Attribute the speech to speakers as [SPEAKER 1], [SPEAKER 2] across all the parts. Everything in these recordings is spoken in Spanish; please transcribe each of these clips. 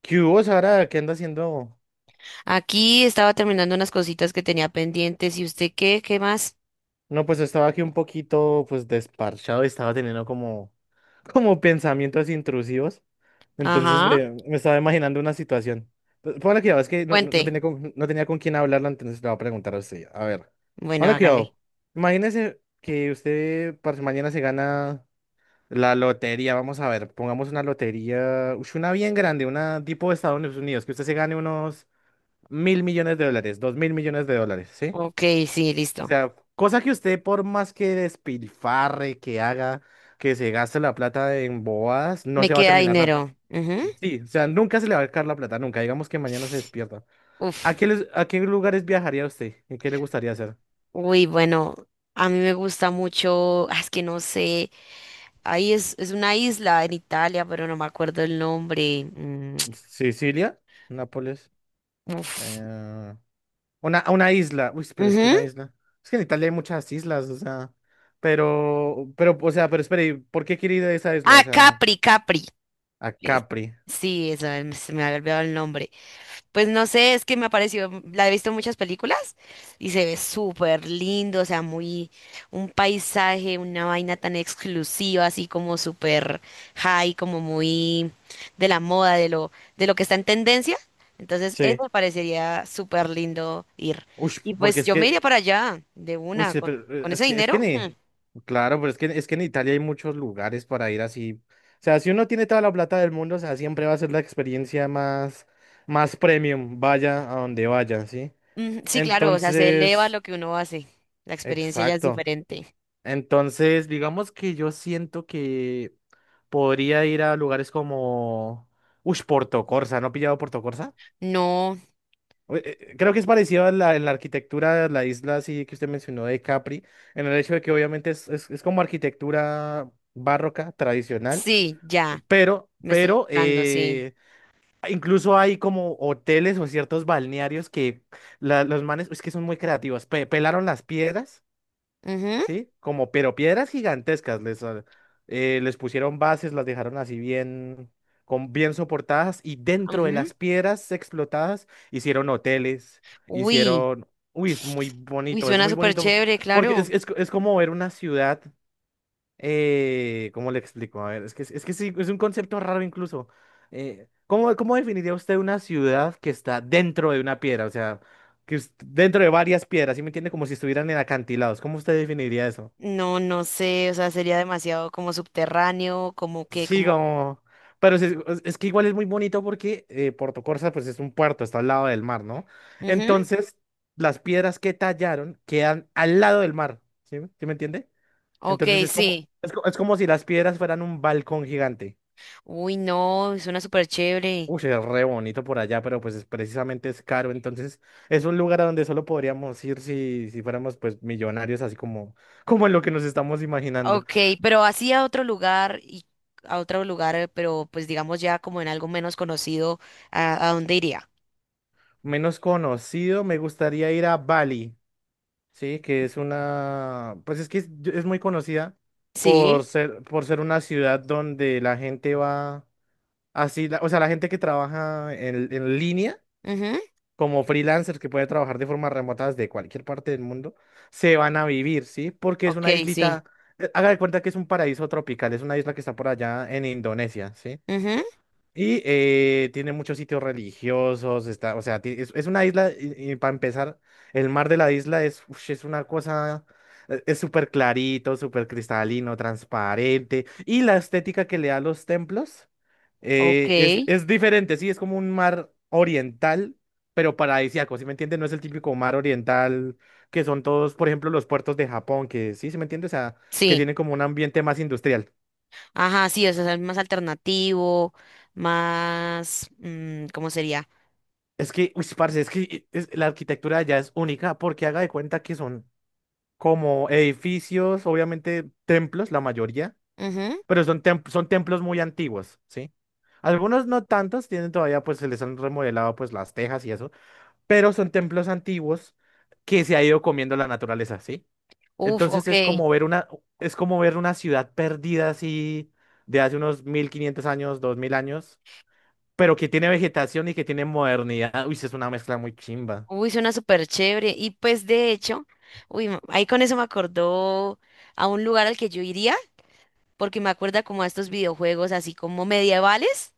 [SPEAKER 1] ¿Qué hubo, Sara? ¿Qué anda haciendo?
[SPEAKER 2] Aquí estaba terminando unas cositas que tenía pendientes. ¿Y usted qué? ¿Qué más?
[SPEAKER 1] No, pues estaba aquí un poquito, pues, desparchado y estaba teniendo como, como pensamientos intrusivos. Entonces
[SPEAKER 2] Ajá.
[SPEAKER 1] me estaba imaginando una situación. Póngale cuidado, es que no
[SPEAKER 2] Cuente.
[SPEAKER 1] tenía no tenía con quién hablarla, entonces le voy a preguntar a usted. A ver,
[SPEAKER 2] Bueno,
[SPEAKER 1] póngale
[SPEAKER 2] hágale.
[SPEAKER 1] cuidado. Imagínese que usted parce, mañana se gana la lotería. Vamos a ver, pongamos una lotería, una bien grande, una tipo de Estados Unidos, que usted se gane unos 1.000 millones de dólares, 2.000 millones de dólares, ¿sí?
[SPEAKER 2] Ok, sí,
[SPEAKER 1] O
[SPEAKER 2] listo.
[SPEAKER 1] sea, cosa que usted por más que despilfarre, que haga, que se gaste la plata en bobadas, no
[SPEAKER 2] Me
[SPEAKER 1] se va a
[SPEAKER 2] queda
[SPEAKER 1] terminar la
[SPEAKER 2] dinero. Ujú.
[SPEAKER 1] Sí, o sea, nunca se le va a acabar la plata, nunca. Digamos que mañana se despierta. ¿A
[SPEAKER 2] Uf.
[SPEAKER 1] qué, a qué lugares viajaría usted? ¿Y qué le gustaría hacer?
[SPEAKER 2] Uy, bueno, a mí me gusta mucho. Es que no sé. Ahí es una isla en Italia, pero no me acuerdo el nombre. Mm,
[SPEAKER 1] Sicilia, Nápoles,
[SPEAKER 2] uf.
[SPEAKER 1] eh, una isla. Uy, pero es que
[SPEAKER 2] Ujú.
[SPEAKER 1] una isla. Es que en Italia hay muchas islas, o sea, o sea, pero espere, ¿por qué quiere ir a esa isla? O
[SPEAKER 2] Ah,
[SPEAKER 1] sea,
[SPEAKER 2] Capri, Capri.
[SPEAKER 1] a
[SPEAKER 2] Es-
[SPEAKER 1] Capri.
[SPEAKER 2] sí, eso, se me había olvidado el nombre. Pues no sé, es que me ha parecido, la he visto en muchas películas y se ve súper lindo, o sea, muy un paisaje, una vaina tan exclusiva, así como súper high, como muy de la moda, de lo que está en tendencia. Entonces, eso
[SPEAKER 1] Sí.
[SPEAKER 2] me parecería súper lindo ir.
[SPEAKER 1] Uy,
[SPEAKER 2] Y
[SPEAKER 1] porque
[SPEAKER 2] pues
[SPEAKER 1] es
[SPEAKER 2] yo me
[SPEAKER 1] que
[SPEAKER 2] iría para allá de
[SPEAKER 1] uy,
[SPEAKER 2] una,
[SPEAKER 1] sí, pero
[SPEAKER 2] con ese
[SPEAKER 1] es
[SPEAKER 2] dinero.
[SPEAKER 1] que ni,
[SPEAKER 2] Hmm.
[SPEAKER 1] claro, pero es que en Italia hay muchos lugares para ir así. O sea, si uno tiene toda la plata del mundo, o sea, siempre va a ser la experiencia más, más premium, vaya a donde vaya, ¿sí?
[SPEAKER 2] Mm, sí, claro, o sea, se eleva
[SPEAKER 1] Entonces,
[SPEAKER 2] lo que uno hace. La experiencia ya es
[SPEAKER 1] exacto.
[SPEAKER 2] diferente.
[SPEAKER 1] Entonces, digamos que yo siento que podría ir a lugares como, uy, Portocorsa, ¿no ha pillado Portocorsa?
[SPEAKER 2] No,
[SPEAKER 1] Oye, creo que es parecido a la, en la arquitectura, la isla así que usted mencionó de Capri, en el hecho de que obviamente es, es como arquitectura barroca, tradicional,
[SPEAKER 2] sí, ya, me estoy
[SPEAKER 1] pero
[SPEAKER 2] buscando, sí.
[SPEAKER 1] incluso hay como hoteles o ciertos balnearios que la- los manes, es que son muy creativos, pelaron las piedras,
[SPEAKER 2] Ujú,
[SPEAKER 1] ¿sí? Como, pero piedras gigantescas, les pusieron bases, las dejaron así bien, con, bien soportadas y dentro de
[SPEAKER 2] ujú.
[SPEAKER 1] las piedras explotadas hicieron hoteles,
[SPEAKER 2] Uy,
[SPEAKER 1] hicieron, uy,
[SPEAKER 2] uy,
[SPEAKER 1] es
[SPEAKER 2] suena
[SPEAKER 1] muy
[SPEAKER 2] súper
[SPEAKER 1] bonito,
[SPEAKER 2] chévere,
[SPEAKER 1] porque
[SPEAKER 2] claro.
[SPEAKER 1] es como ver una ciudad, ¿cómo le explico? A ver, es que sí, es un concepto raro incluso. ¿Cómo, cómo definiría usted una ciudad que está dentro de una piedra? O sea, que es dentro de varias piedras, ¿sí me entiende? Como si estuvieran en acantilados. ¿Cómo usted definiría eso?
[SPEAKER 2] No, no sé, o sea, sería demasiado como subterráneo, como que,
[SPEAKER 1] Sí,
[SPEAKER 2] como...
[SPEAKER 1] como... Pero sí, es que igual es muy bonito porque Puerto Corsa pues es un puerto, está al lado del mar, ¿no?
[SPEAKER 2] Ujú,
[SPEAKER 1] Entonces, las piedras que tallaron quedan al lado del mar, ¿sí? ¿Sí me entiende?
[SPEAKER 2] ok,
[SPEAKER 1] Entonces es como,
[SPEAKER 2] sí.
[SPEAKER 1] es como si las piedras fueran un balcón gigante.
[SPEAKER 2] Uy, no, suena súper chévere.
[SPEAKER 1] Uy, es re bonito por allá, pero pues precisamente es caro, entonces es un lugar a donde solo podríamos ir si, si fuéramos pues millonarios, así como, como en lo que nos estamos imaginando.
[SPEAKER 2] Ok, pero así a otro lugar y a otro lugar, pero pues digamos ya como en algo menos conocido, a dónde iría?
[SPEAKER 1] Menos conocido, me gustaría ir a Bali. Sí, que es una, pues es que es muy conocida
[SPEAKER 2] Sí.
[SPEAKER 1] por ser una ciudad donde la gente va así, o sea, la gente que trabaja en línea,
[SPEAKER 2] Ujú,
[SPEAKER 1] como freelancers que puede trabajar de forma remota desde cualquier parte del mundo, se van a vivir, ¿sí? Porque es
[SPEAKER 2] ok,
[SPEAKER 1] una
[SPEAKER 2] sí.
[SPEAKER 1] islita, haga de cuenta que es un paraíso tropical, es una isla que está por allá en Indonesia, ¿sí?
[SPEAKER 2] Ujú,
[SPEAKER 1] Y tiene muchos sitios religiosos, está, o sea, es una isla, y, para empezar, el mar de la isla es, ush, es una cosa, es súper clarito, súper cristalino, transparente, y la estética que le da a los templos
[SPEAKER 2] ok,
[SPEAKER 1] es diferente, sí, es como un mar oriental, pero paradisíaco, ¿sí me entiendes? No es el típico mar oriental que son todos, por ejemplo, los puertos de Japón, que sí, ¿sí me entiendes? O sea, que
[SPEAKER 2] sí.
[SPEAKER 1] tienen como un ambiente más industrial.
[SPEAKER 2] Ajá, sí, o sea, es más alternativo, más... mm, ¿cómo sería?
[SPEAKER 1] Es que, uy, parce, es que la arquitectura ya es única porque haga de cuenta que son como edificios, obviamente templos, la mayoría,
[SPEAKER 2] Ujú.
[SPEAKER 1] pero son, son templos muy antiguos, ¿sí? Algunos no tantos, tienen todavía, pues se les han remodelado pues las tejas y eso, pero son templos antiguos que se ha ido comiendo la naturaleza, ¿sí?
[SPEAKER 2] Uf,
[SPEAKER 1] Entonces
[SPEAKER 2] ok.
[SPEAKER 1] es como ver una, es como ver una ciudad perdida así de hace unos 1.500 años, 2.000 años, pero que tiene vegetación y que tiene modernidad. Uy, sí, es una mezcla muy chimba.
[SPEAKER 2] Uy, suena súper chévere. Y pues de hecho, uy, m- ahí con eso me acordó a un lugar al que yo iría, porque me acuerda como a estos videojuegos así como medievales,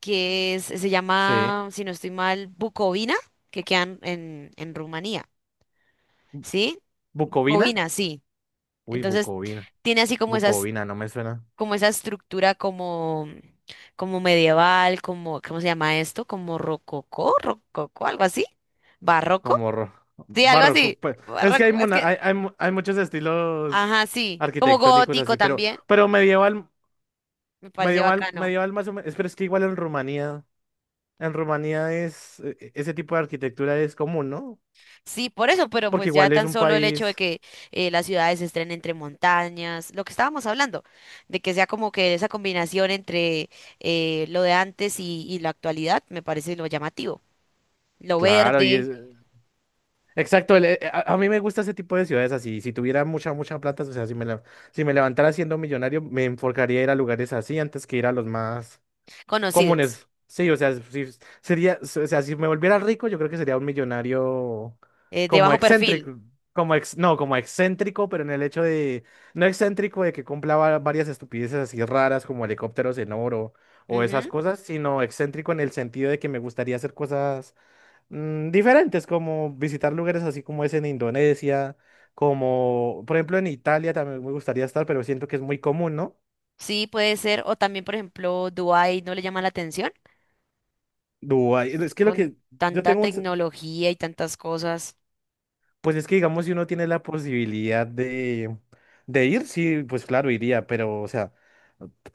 [SPEAKER 2] que es- se
[SPEAKER 1] Sí.
[SPEAKER 2] llama, si no estoy mal, Bucovina, que quedan en Rumanía, ¿sí?
[SPEAKER 1] ¿Bucovina?
[SPEAKER 2] Bucovina, sí.
[SPEAKER 1] Uy,
[SPEAKER 2] Entonces,
[SPEAKER 1] Bucovina.
[SPEAKER 2] tiene así como esas,
[SPEAKER 1] Bucovina, no me suena
[SPEAKER 2] como esa estructura como, como medieval, como, ¿cómo se llama esto? Como rococó, rococó, algo así, barroco.
[SPEAKER 1] como
[SPEAKER 2] Sí, algo
[SPEAKER 1] barroco,
[SPEAKER 2] así.
[SPEAKER 1] pues. Es que hay,
[SPEAKER 2] Barroco, es que,
[SPEAKER 1] hay, hay muchos estilos
[SPEAKER 2] ajá, sí. Como
[SPEAKER 1] arquitectónicos
[SPEAKER 2] gótico
[SPEAKER 1] así,
[SPEAKER 2] también,
[SPEAKER 1] pero medieval,
[SPEAKER 2] me parece bacano.
[SPEAKER 1] medieval más o menos. Pero es que igual en Rumanía es, ese tipo de arquitectura es común, ¿no?
[SPEAKER 2] Sí, por eso, pero
[SPEAKER 1] Porque
[SPEAKER 2] pues ya
[SPEAKER 1] igual es
[SPEAKER 2] tan
[SPEAKER 1] un
[SPEAKER 2] solo el hecho de
[SPEAKER 1] país,
[SPEAKER 2] que las ciudades se estén entre montañas, lo que estábamos hablando, de que sea como que esa combinación entre lo de antes y la actualidad, me parece lo llamativo. Lo
[SPEAKER 1] claro, y es...
[SPEAKER 2] verde,
[SPEAKER 1] Exacto, a mí me gusta ese tipo de ciudades así. Si tuviera mucha, mucha plata, o sea, si me levantara siendo millonario, me enfocaría a ir a lugares así antes que ir a los más
[SPEAKER 2] conocidos,
[SPEAKER 1] comunes. Sí, o sea, si sería, o sea, si me volviera rico, yo creo que sería un millonario
[SPEAKER 2] de
[SPEAKER 1] como
[SPEAKER 2] bajo perfil.
[SPEAKER 1] excéntrico, como ex, no, como excéntrico, pero en el hecho de, no excéntrico de que cumpla varias estupideces así raras como helicópteros en oro o esas
[SPEAKER 2] Ujú,
[SPEAKER 1] cosas, sino excéntrico en el sentido de que me gustaría hacer cosas diferentes, como visitar lugares así como es en Indonesia, como, por ejemplo, en Italia también me gustaría estar, pero siento que es muy común, ¿no?
[SPEAKER 2] sí, puede ser. O también, por ejemplo, Dubái no le llama la atención
[SPEAKER 1] Dubái, es que lo
[SPEAKER 2] con
[SPEAKER 1] que yo
[SPEAKER 2] tanta
[SPEAKER 1] tengo un
[SPEAKER 2] tecnología y tantas cosas.
[SPEAKER 1] pues es que digamos, si uno tiene la posibilidad de ir, sí, pues claro, iría, pero o sea,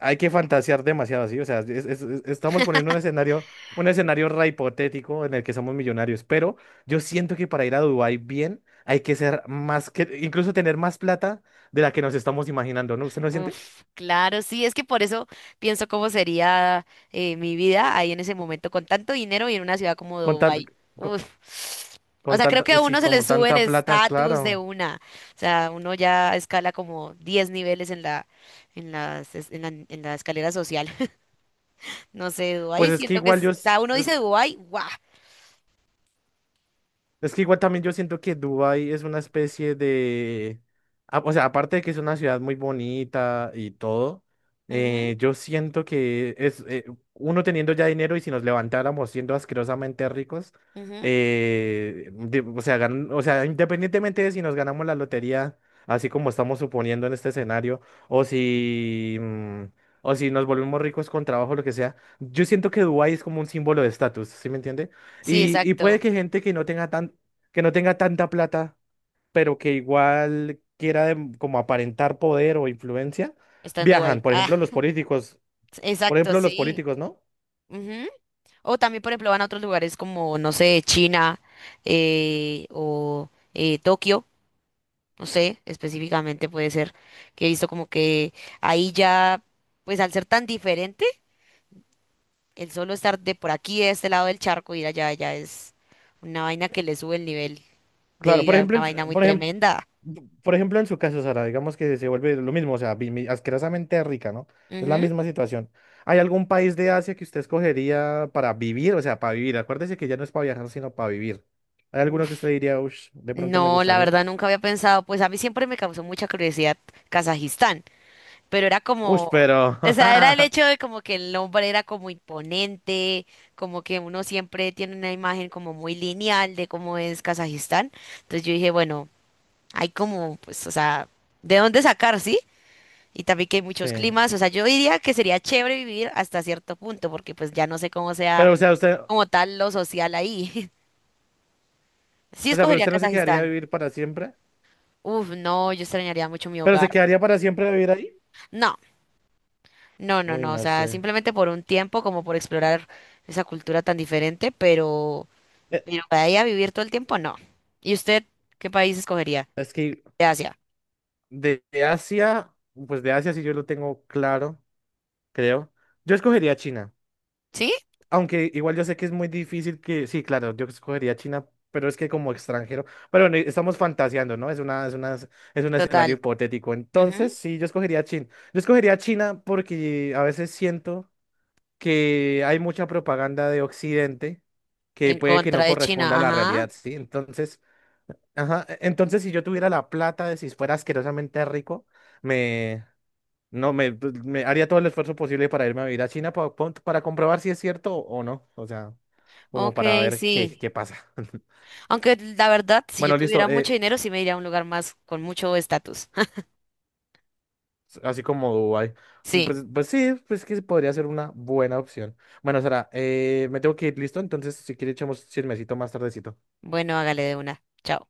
[SPEAKER 1] hay que fantasear demasiado, ¿sí? O sea, estamos poniendo un escenario re hipotético en el que somos millonarios, pero yo siento que para ir a Dubái bien hay que ser más que, incluso tener más plata de la que nos estamos imaginando, ¿no? ¿Usted no siente?
[SPEAKER 2] Uf, claro, sí, es que por eso pienso cómo sería mi vida ahí en ese momento, con tanto dinero y en una ciudad como
[SPEAKER 1] Con tan-
[SPEAKER 2] Dubái.
[SPEAKER 1] con,
[SPEAKER 2] Uf, o
[SPEAKER 1] con
[SPEAKER 2] sea, creo
[SPEAKER 1] tanta,
[SPEAKER 2] que a
[SPEAKER 1] sí,
[SPEAKER 2] uno se le
[SPEAKER 1] con
[SPEAKER 2] sube el
[SPEAKER 1] tanta plata,
[SPEAKER 2] estatus de
[SPEAKER 1] claro.
[SPEAKER 2] una. O sea, uno ya escala como 10 niveles en la, en las, es- en la escalera social. No sé,
[SPEAKER 1] Pues
[SPEAKER 2] Dubái,
[SPEAKER 1] es que
[SPEAKER 2] siento que,
[SPEAKER 1] igual
[SPEAKER 2] es-
[SPEAKER 1] yo,
[SPEAKER 2] o sea, uno dice Dubái, guau.
[SPEAKER 1] es que igual también yo siento que Dubái es una especie de... o sea, aparte de que es una ciudad muy bonita y todo,
[SPEAKER 2] Ujú,
[SPEAKER 1] yo siento que es uno teniendo ya dinero y si nos levantáramos siendo asquerosamente ricos,
[SPEAKER 2] ujú.
[SPEAKER 1] o sea, o sea, independientemente de si nos ganamos la lotería, así como estamos suponiendo en este escenario, o si, o si nos volvemos ricos con trabajo, lo que sea, yo siento que Dubái es como un símbolo de estatus, ¿sí me entiende?
[SPEAKER 2] Sí,
[SPEAKER 1] Y puede
[SPEAKER 2] exacto,
[SPEAKER 1] que gente que no tenga tan, que no tenga tanta plata, pero que igual quiera como aparentar poder o influencia,
[SPEAKER 2] está en
[SPEAKER 1] viajan.
[SPEAKER 2] Dubái.
[SPEAKER 1] Por
[SPEAKER 2] Ah,
[SPEAKER 1] ejemplo, los políticos. Por
[SPEAKER 2] exacto,
[SPEAKER 1] ejemplo, los
[SPEAKER 2] sí.
[SPEAKER 1] políticos, ¿no?
[SPEAKER 2] O también, por ejemplo, van a otros lugares como, no sé, China o Tokio, no sé, específicamente puede ser que he visto como que ahí ya, pues al ser tan diferente, el solo estar de por aquí, de este lado del charco, ir allá, ya es una vaina que le sube el nivel de
[SPEAKER 1] Claro, por
[SPEAKER 2] vida,
[SPEAKER 1] ejemplo,
[SPEAKER 2] una vaina muy
[SPEAKER 1] por ejemplo,
[SPEAKER 2] tremenda.
[SPEAKER 1] por ejemplo, en su caso, Sara, digamos que se vuelve lo mismo, o sea, asquerosamente rica, ¿no? Es la
[SPEAKER 2] Ujú.
[SPEAKER 1] misma situación. ¿Hay algún país de Asia que usted escogería para vivir? O sea, para vivir. Acuérdese que ya no es para viajar, sino para vivir. ¿Hay alguno que
[SPEAKER 2] Uf,
[SPEAKER 1] usted diría, uff, de pronto me
[SPEAKER 2] no, la
[SPEAKER 1] gustaría?
[SPEAKER 2] verdad nunca había pensado, pues a mí siempre me causó mucha curiosidad Kazajistán. Pero era
[SPEAKER 1] Uff,
[SPEAKER 2] como,
[SPEAKER 1] pero...
[SPEAKER 2] o sea, era el hecho de como que el hombre era como imponente, como que uno siempre tiene una imagen como muy lineal de cómo es Kazajistán. Entonces yo dije, bueno, hay como, pues, o sea, de dónde sacar, ¿sí? Y también que hay muchos
[SPEAKER 1] Sí.
[SPEAKER 2] climas, o sea, yo diría que sería chévere vivir hasta cierto punto, porque pues ya no sé cómo sea
[SPEAKER 1] Pero, o sea,
[SPEAKER 2] como tal lo social ahí. Sí
[SPEAKER 1] pero
[SPEAKER 2] escogería
[SPEAKER 1] usted no se quedaría a
[SPEAKER 2] Kazajistán.
[SPEAKER 1] vivir para siempre.
[SPEAKER 2] Uf, no, yo extrañaría mucho mi
[SPEAKER 1] ¿Pero
[SPEAKER 2] hogar.
[SPEAKER 1] se quedaría para siempre a vivir ahí?
[SPEAKER 2] No, no, no,
[SPEAKER 1] Uy,
[SPEAKER 2] no, o
[SPEAKER 1] no
[SPEAKER 2] sea,
[SPEAKER 1] sé.
[SPEAKER 2] simplemente por un tiempo, como por explorar esa cultura tan diferente,
[SPEAKER 1] Eh,
[SPEAKER 2] pero para ir a vivir todo el tiempo, no. ¿Y usted qué país escogería?
[SPEAKER 1] Es que
[SPEAKER 2] De Asia,
[SPEAKER 1] De, de Asia, pues de Asia sí yo lo tengo claro, creo. Yo escogería China,
[SPEAKER 2] ¿sí?
[SPEAKER 1] aunque igual yo sé que es muy difícil que, sí, claro, yo escogería China, pero es que como extranjero, pero bueno, estamos fantaseando, ¿no? Es una, es una, es un
[SPEAKER 2] Total.
[SPEAKER 1] escenario
[SPEAKER 2] Exacto.
[SPEAKER 1] hipotético.
[SPEAKER 2] Ujú,
[SPEAKER 1] Entonces, sí, yo escogería China. Yo escogería China porque a veces siento que hay mucha propaganda de Occidente
[SPEAKER 2] en
[SPEAKER 1] que
[SPEAKER 2] sí, sí,
[SPEAKER 1] puede que
[SPEAKER 2] contra
[SPEAKER 1] no
[SPEAKER 2] de China,
[SPEAKER 1] corresponda a la
[SPEAKER 2] ajá.
[SPEAKER 1] realidad, ¿sí? Entonces, ajá, entonces si yo tuviera la plata de si fuera asquerosamente rico, me, no, me, pues, me haría todo el esfuerzo posible para irme a vivir a China para comprobar si es cierto o no, o sea, como
[SPEAKER 2] Ok,
[SPEAKER 1] para ver qué,
[SPEAKER 2] sí.
[SPEAKER 1] qué pasa.
[SPEAKER 2] Aunque la verdad, si yo
[SPEAKER 1] Bueno, listo,
[SPEAKER 2] tuviera mucho dinero, sí me iría a un lugar más con mucho estatus.
[SPEAKER 1] así como Dubái.
[SPEAKER 2] Sí,
[SPEAKER 1] Pues, pues sí, pues que podría ser una buena opción. Bueno, Sara, me tengo que ir, listo. Entonces, si quieres, echamos chismecito más tardecito.
[SPEAKER 2] bueno, hágale de una. Chao.